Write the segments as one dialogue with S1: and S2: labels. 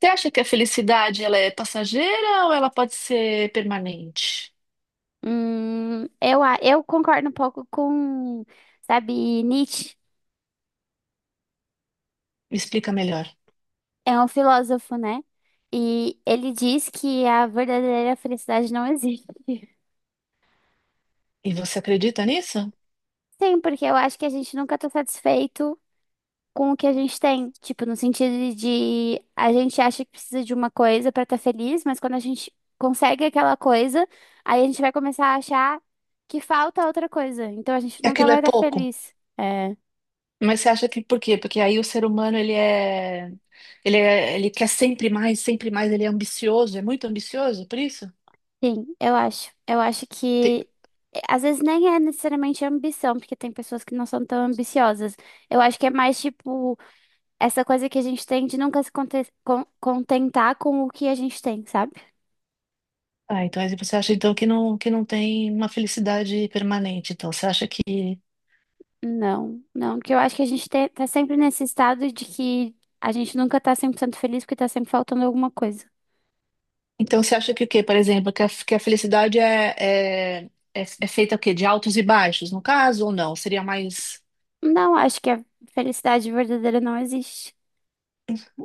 S1: Você acha que a felicidade ela é passageira ou ela pode ser permanente?
S2: Eu concordo um pouco com, sabe, Nietzsche
S1: Me explica melhor.
S2: é um filósofo, né? E ele diz que a verdadeira felicidade não existe.
S1: E você acredita nisso?
S2: Sim, porque eu acho que a gente nunca tá satisfeito com o que a gente tem. Tipo, no sentido de a gente acha que precisa de uma coisa pra estar feliz, mas quando a gente consegue aquela coisa, aí a gente vai começar a achar que falta outra coisa. Então a gente
S1: Que
S2: nunca
S1: aquilo
S2: vai
S1: é
S2: estar
S1: pouco.
S2: feliz. É.
S1: Mas você acha que por quê? Porque aí o ser humano ele ele quer sempre mais, ele é ambicioso, é muito ambicioso, por isso?
S2: Sim, eu acho. Eu acho
S1: Tem-
S2: que às vezes nem é necessariamente ambição, porque tem pessoas que não são tão ambiciosas. Eu acho que é mais tipo essa coisa que a gente tem de nunca se contentar com o que a gente tem, sabe?
S1: Ah, então aí você acha então que não tem uma felicidade permanente.
S2: Não, não, porque eu acho que a gente tá sempre nesse estado de que a gente nunca tá 100% feliz porque tá sempre faltando alguma coisa.
S1: Então você acha que o quê? Por exemplo, que a felicidade é, é feita o quê? De altos e baixos, no caso, ou não? Seria mais.
S2: Não, acho que a felicidade verdadeira não existe.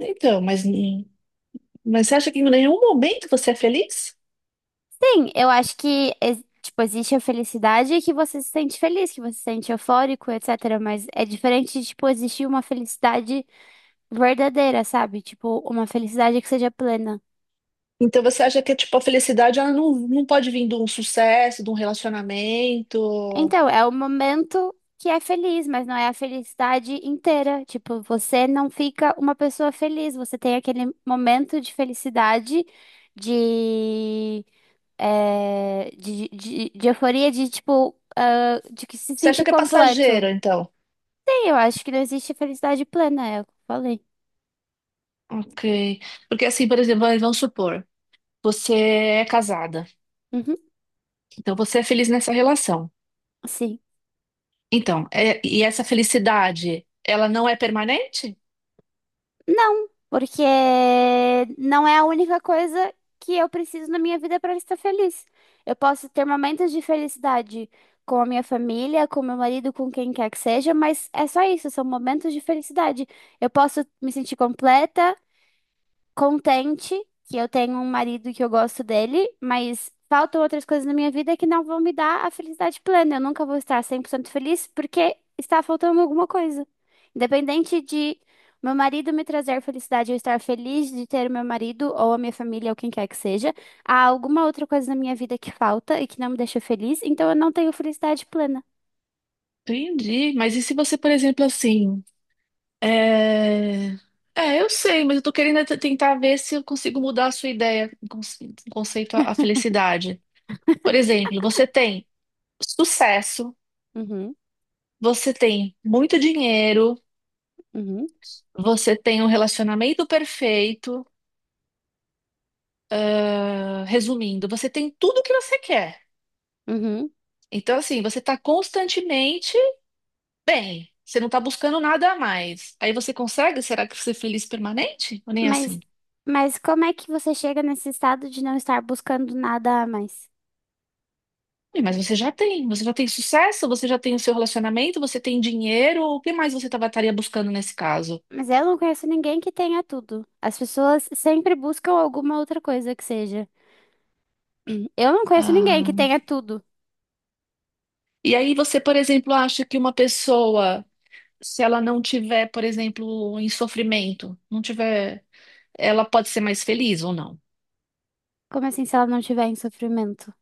S1: Então, mas, n- mas você acha que em nenhum momento você é feliz?
S2: Sim, eu acho que, tipo, existe a felicidade que você se sente feliz, que você se sente eufórico, etc. Mas é diferente de, tipo, existir uma felicidade verdadeira, sabe? Tipo, uma felicidade que seja plena.
S1: Então você acha que tipo, a felicidade ela não pode vir de um sucesso, de um relacionamento?
S2: Então, é o momento que é feliz, mas não é a felicidade inteira. Tipo, você não fica uma pessoa feliz, você tem aquele momento de felicidade, de de euforia, de tipo, ah, de que se
S1: Você acha
S2: sentir
S1: que é
S2: completo.
S1: passageira, então?
S2: Eu acho que não existe felicidade plena, é o que eu falei.
S1: Ok. Porque assim, por exemplo, vamos supor, você é casada,
S2: Uhum,
S1: então você é feliz nessa relação.
S2: sim.
S1: Então, e essa felicidade, ela não é permanente?
S2: Não, porque não é a única coisa que eu preciso na minha vida para estar feliz. Eu posso ter momentos de felicidade com a minha família, com meu marido, com quem quer que seja, mas é só isso, são momentos de felicidade. Eu posso me sentir completa, contente que eu tenho um marido que eu gosto dele, mas faltam outras coisas na minha vida que não vão me dar a felicidade plena. Eu nunca vou estar 100% feliz porque está faltando alguma coisa. Independente de meu marido me trazer felicidade, eu estar feliz de ter o meu marido ou a minha família ou quem quer que seja, há alguma outra coisa na minha vida que falta e que não me deixa feliz, então eu não tenho felicidade plena.
S1: Entendi. Mas e se você, por exemplo, assim, É... é, eu sei, mas eu tô querendo é tentar ver se eu consigo mudar a sua ideia, conceito à felicidade. Por exemplo, você tem sucesso,
S2: Uhum,
S1: você tem muito dinheiro,
S2: uhum,
S1: você tem um relacionamento perfeito. Ah, resumindo, você tem tudo o que você quer.
S2: uhum.
S1: Então, assim, você tá constantemente bem. Você não tá buscando nada a mais. Aí você consegue? Será que ser feliz permanente? Ou nem
S2: Mas,
S1: assim?
S2: mas como é que você chega nesse estado de não estar buscando nada a mais?
S1: Ih, mas você já tem sucesso, você já tem o seu relacionamento, você tem dinheiro, o que mais você tava, estaria buscando nesse caso?
S2: Mas eu não conheço ninguém que tenha tudo. As pessoas sempre buscam alguma outra coisa que seja. Eu não conheço ninguém que
S1: Ah,
S2: tenha tudo.
S1: e aí você, por exemplo, acha que uma pessoa, se ela não tiver, por exemplo, em sofrimento, não tiver, ela pode ser mais feliz ou não?
S2: Como assim, se ela não tiver em sofrimento?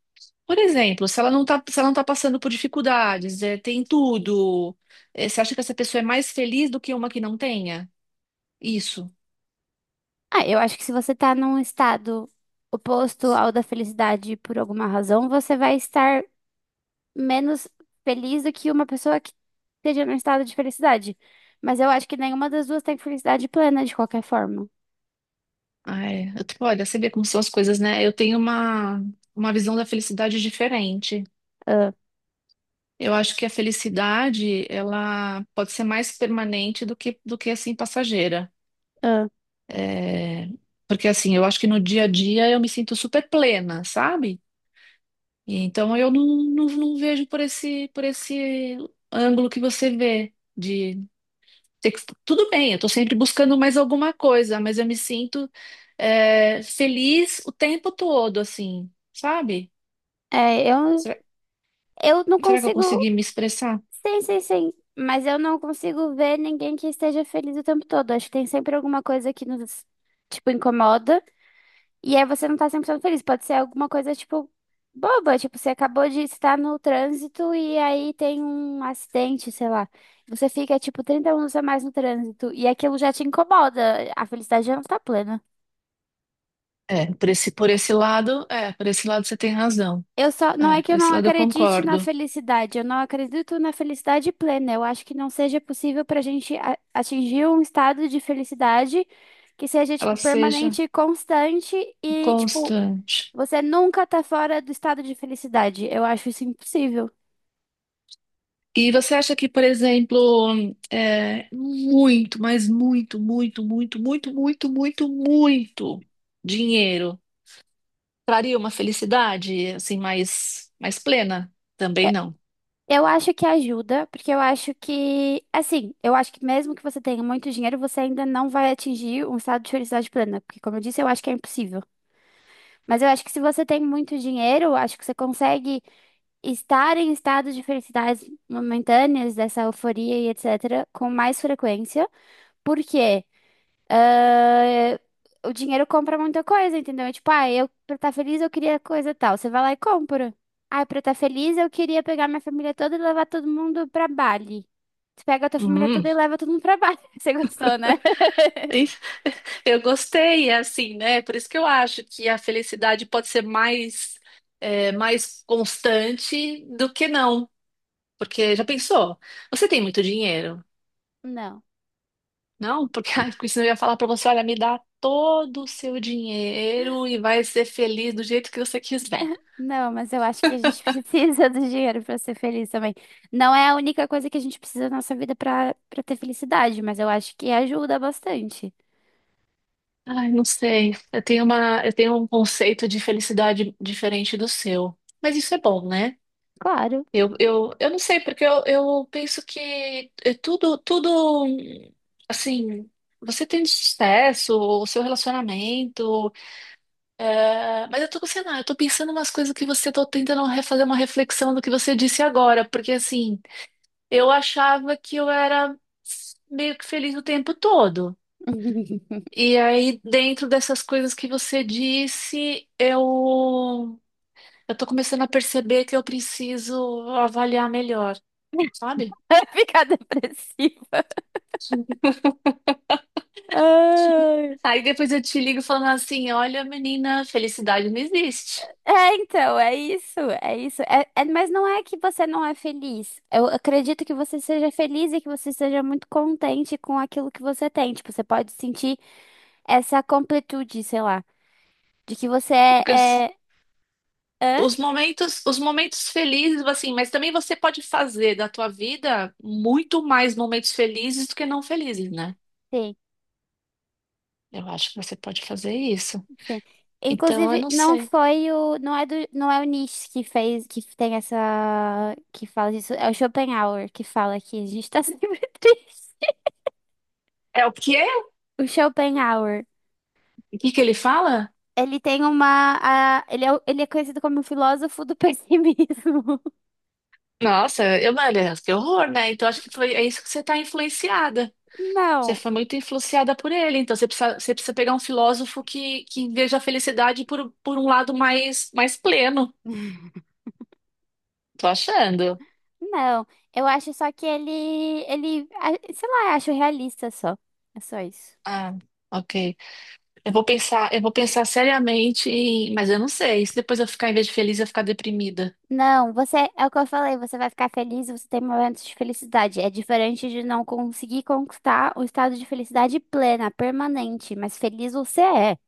S1: Por exemplo, se ela não tá passando por dificuldades, tem tudo, você acha que essa pessoa é mais feliz do que uma que não tenha? Isso.
S2: Ah, eu acho que se você tá num estado oposto ao da felicidade por alguma razão, você vai estar menos feliz do que uma pessoa que esteja num estado de felicidade. Mas eu acho que nenhuma das duas tem felicidade plena de qualquer forma.
S1: Ai, eu, tipo, olha, você vê como são as coisas, né? Uma visão da felicidade diferente.
S2: Ah,
S1: Eu acho que a felicidade, ela pode ser mais permanente do que assim, passageira.
S2: ah.
S1: É, porque, assim, eu acho que no dia a dia eu me sinto super plena, sabe? E então eu não vejo por esse ângulo que você vê, de. Tudo bem, eu tô sempre buscando mais alguma coisa, mas eu me sinto feliz o tempo todo, assim, sabe?
S2: É, eu,
S1: Será,
S2: eu não
S1: será que eu
S2: consigo.
S1: consegui me expressar?
S2: Sim, sim, sim. Mas eu não consigo ver ninguém que esteja feliz o tempo todo. Acho que tem sempre alguma coisa que nos, tipo, incomoda. E aí você não tá 100% feliz. Pode ser alguma coisa, tipo, boba. Tipo, você acabou de estar no trânsito e aí tem um acidente, sei lá. Você fica, tipo, 30 minutos a mais no trânsito. E aquilo já te incomoda. A felicidade já não tá plena.
S1: É, por esse lado, é, por esse lado você tem razão.
S2: Eu só, não é
S1: É,
S2: que
S1: por
S2: eu não
S1: esse lado eu
S2: acredite na
S1: concordo.
S2: felicidade, eu não acredito na felicidade plena. Eu acho que não seja possível para a gente atingir um estado de felicidade que seja,
S1: Ela
S2: tipo,
S1: seja
S2: permanente, constante e, tipo,
S1: constante.
S2: você nunca tá fora do estado de felicidade. Eu acho isso impossível.
S1: E você acha que, por exemplo, é, muito, mas muito, muito, muito, muito, muito, muito, muito dinheiro traria uma felicidade assim mais plena?
S2: Eu,
S1: Também não.
S2: eu acho que ajuda, porque eu acho que, assim, eu acho que mesmo que você tenha muito dinheiro, você ainda não vai atingir um estado de felicidade plena, porque, como eu disse, eu acho que é impossível. Mas eu acho que se você tem muito dinheiro, eu acho que você consegue estar em estados de felicidades momentâneas, dessa euforia e etc., com mais frequência, porque ah, o dinheiro compra muita coisa, entendeu? Tipo, ah, eu pra estar feliz eu queria coisa tal. Você vai lá e compra. Ah, pra estar feliz eu queria pegar minha família toda e levar todo mundo pra Bali. Tu pega a tua família
S1: Hum,
S2: toda e leva todo mundo pra Bali. Você gostou, né?
S1: isso- eu gostei, é assim, né? Por isso que eu acho que a felicidade pode ser é, mais constante do que não. Porque já pensou? Você tem muito dinheiro.
S2: Não.
S1: Não, porque ai, porque senão eu ia falar pra você, olha, me dá todo o seu dinheiro e vai ser feliz do jeito que você quiser.
S2: Não, mas eu acho que a gente precisa do dinheiro para ser feliz também. Não é a única coisa que a gente precisa na nossa vida para ter felicidade, mas eu acho que ajuda bastante.
S1: Ai, não sei. Eu tenho um conceito de felicidade diferente do seu. Mas isso é bom, né?
S2: Claro.
S1: Eu não sei, porque eu penso que é tudo, tudo, assim, você tem sucesso, o seu relacionamento, é, mas eu tô, sei lá, eu tô pensando umas coisas que você tô tentando refazer uma reflexão do que você disse agora, porque assim, eu achava que eu era meio que feliz o tempo todo. E aí, dentro dessas coisas que você disse, eu tô começando a perceber que eu preciso avaliar melhor, sabe?
S2: Ficar depressiva. Ai.
S1: Aí depois eu te ligo falando assim, olha, menina, felicidade não existe.
S2: É, então, é isso, é isso. Mas não é que você não é feliz. Eu acredito que você seja feliz e que você seja muito contente com aquilo que você tem. Tipo, você pode sentir essa completude, sei lá, de que você é...
S1: Porque
S2: é... Hã?
S1: os momentos felizes, assim, mas também você pode fazer da tua vida muito mais momentos felizes do que não felizes, né?
S2: Sim.
S1: Eu acho que você pode fazer isso.
S2: Sim.
S1: Então, eu
S2: Inclusive,
S1: não
S2: não
S1: sei.
S2: foi o. Não é, não é o Nietzsche que fez, que tem essa. Que fala disso. É o Schopenhauer que fala que a gente tá sempre triste.
S1: É o quê?
S2: O Schopenhauer.
S1: O que que ele fala?
S2: Ele tem uma. A- ele, é, o- ele é conhecido como o filósofo do pessimismo.
S1: Nossa, eu, mano, que horror, né? Então, acho que foi, é isso que você tá influenciada. Você
S2: Não,
S1: foi muito influenciada por ele. Então, você precisa pegar um filósofo que veja a felicidade por um lado mais pleno. Tô achando.
S2: não. Eu acho só que ele. Sei lá, eu acho realista só. É só isso.
S1: Ah, ok. Eu vou pensar seriamente, mas eu não sei. E se depois eu ficar, em vez de feliz, eu ficar deprimida.
S2: Não, você, é o que eu falei, você vai ficar feliz, você tem momentos de felicidade. É diferente de não conseguir conquistar o estado de felicidade plena, permanente, mas feliz você é.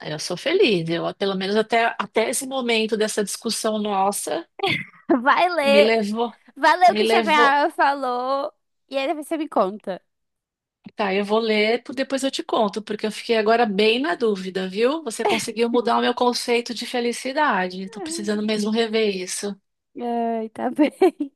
S1: Eu sou feliz. Eu, pelo menos até esse momento dessa discussão nossa,
S2: Vai
S1: me
S2: ler,
S1: levou.
S2: vai ler o
S1: Me
S2: que
S1: levou.
S2: Schopenhauer falou e aí depois você me conta.
S1: Tá, eu vou ler, depois eu te conto, porque eu fiquei agora bem na dúvida, viu? Você conseguiu mudar o meu conceito de felicidade. Tô precisando mesmo rever isso.
S2: Ai, tá bem.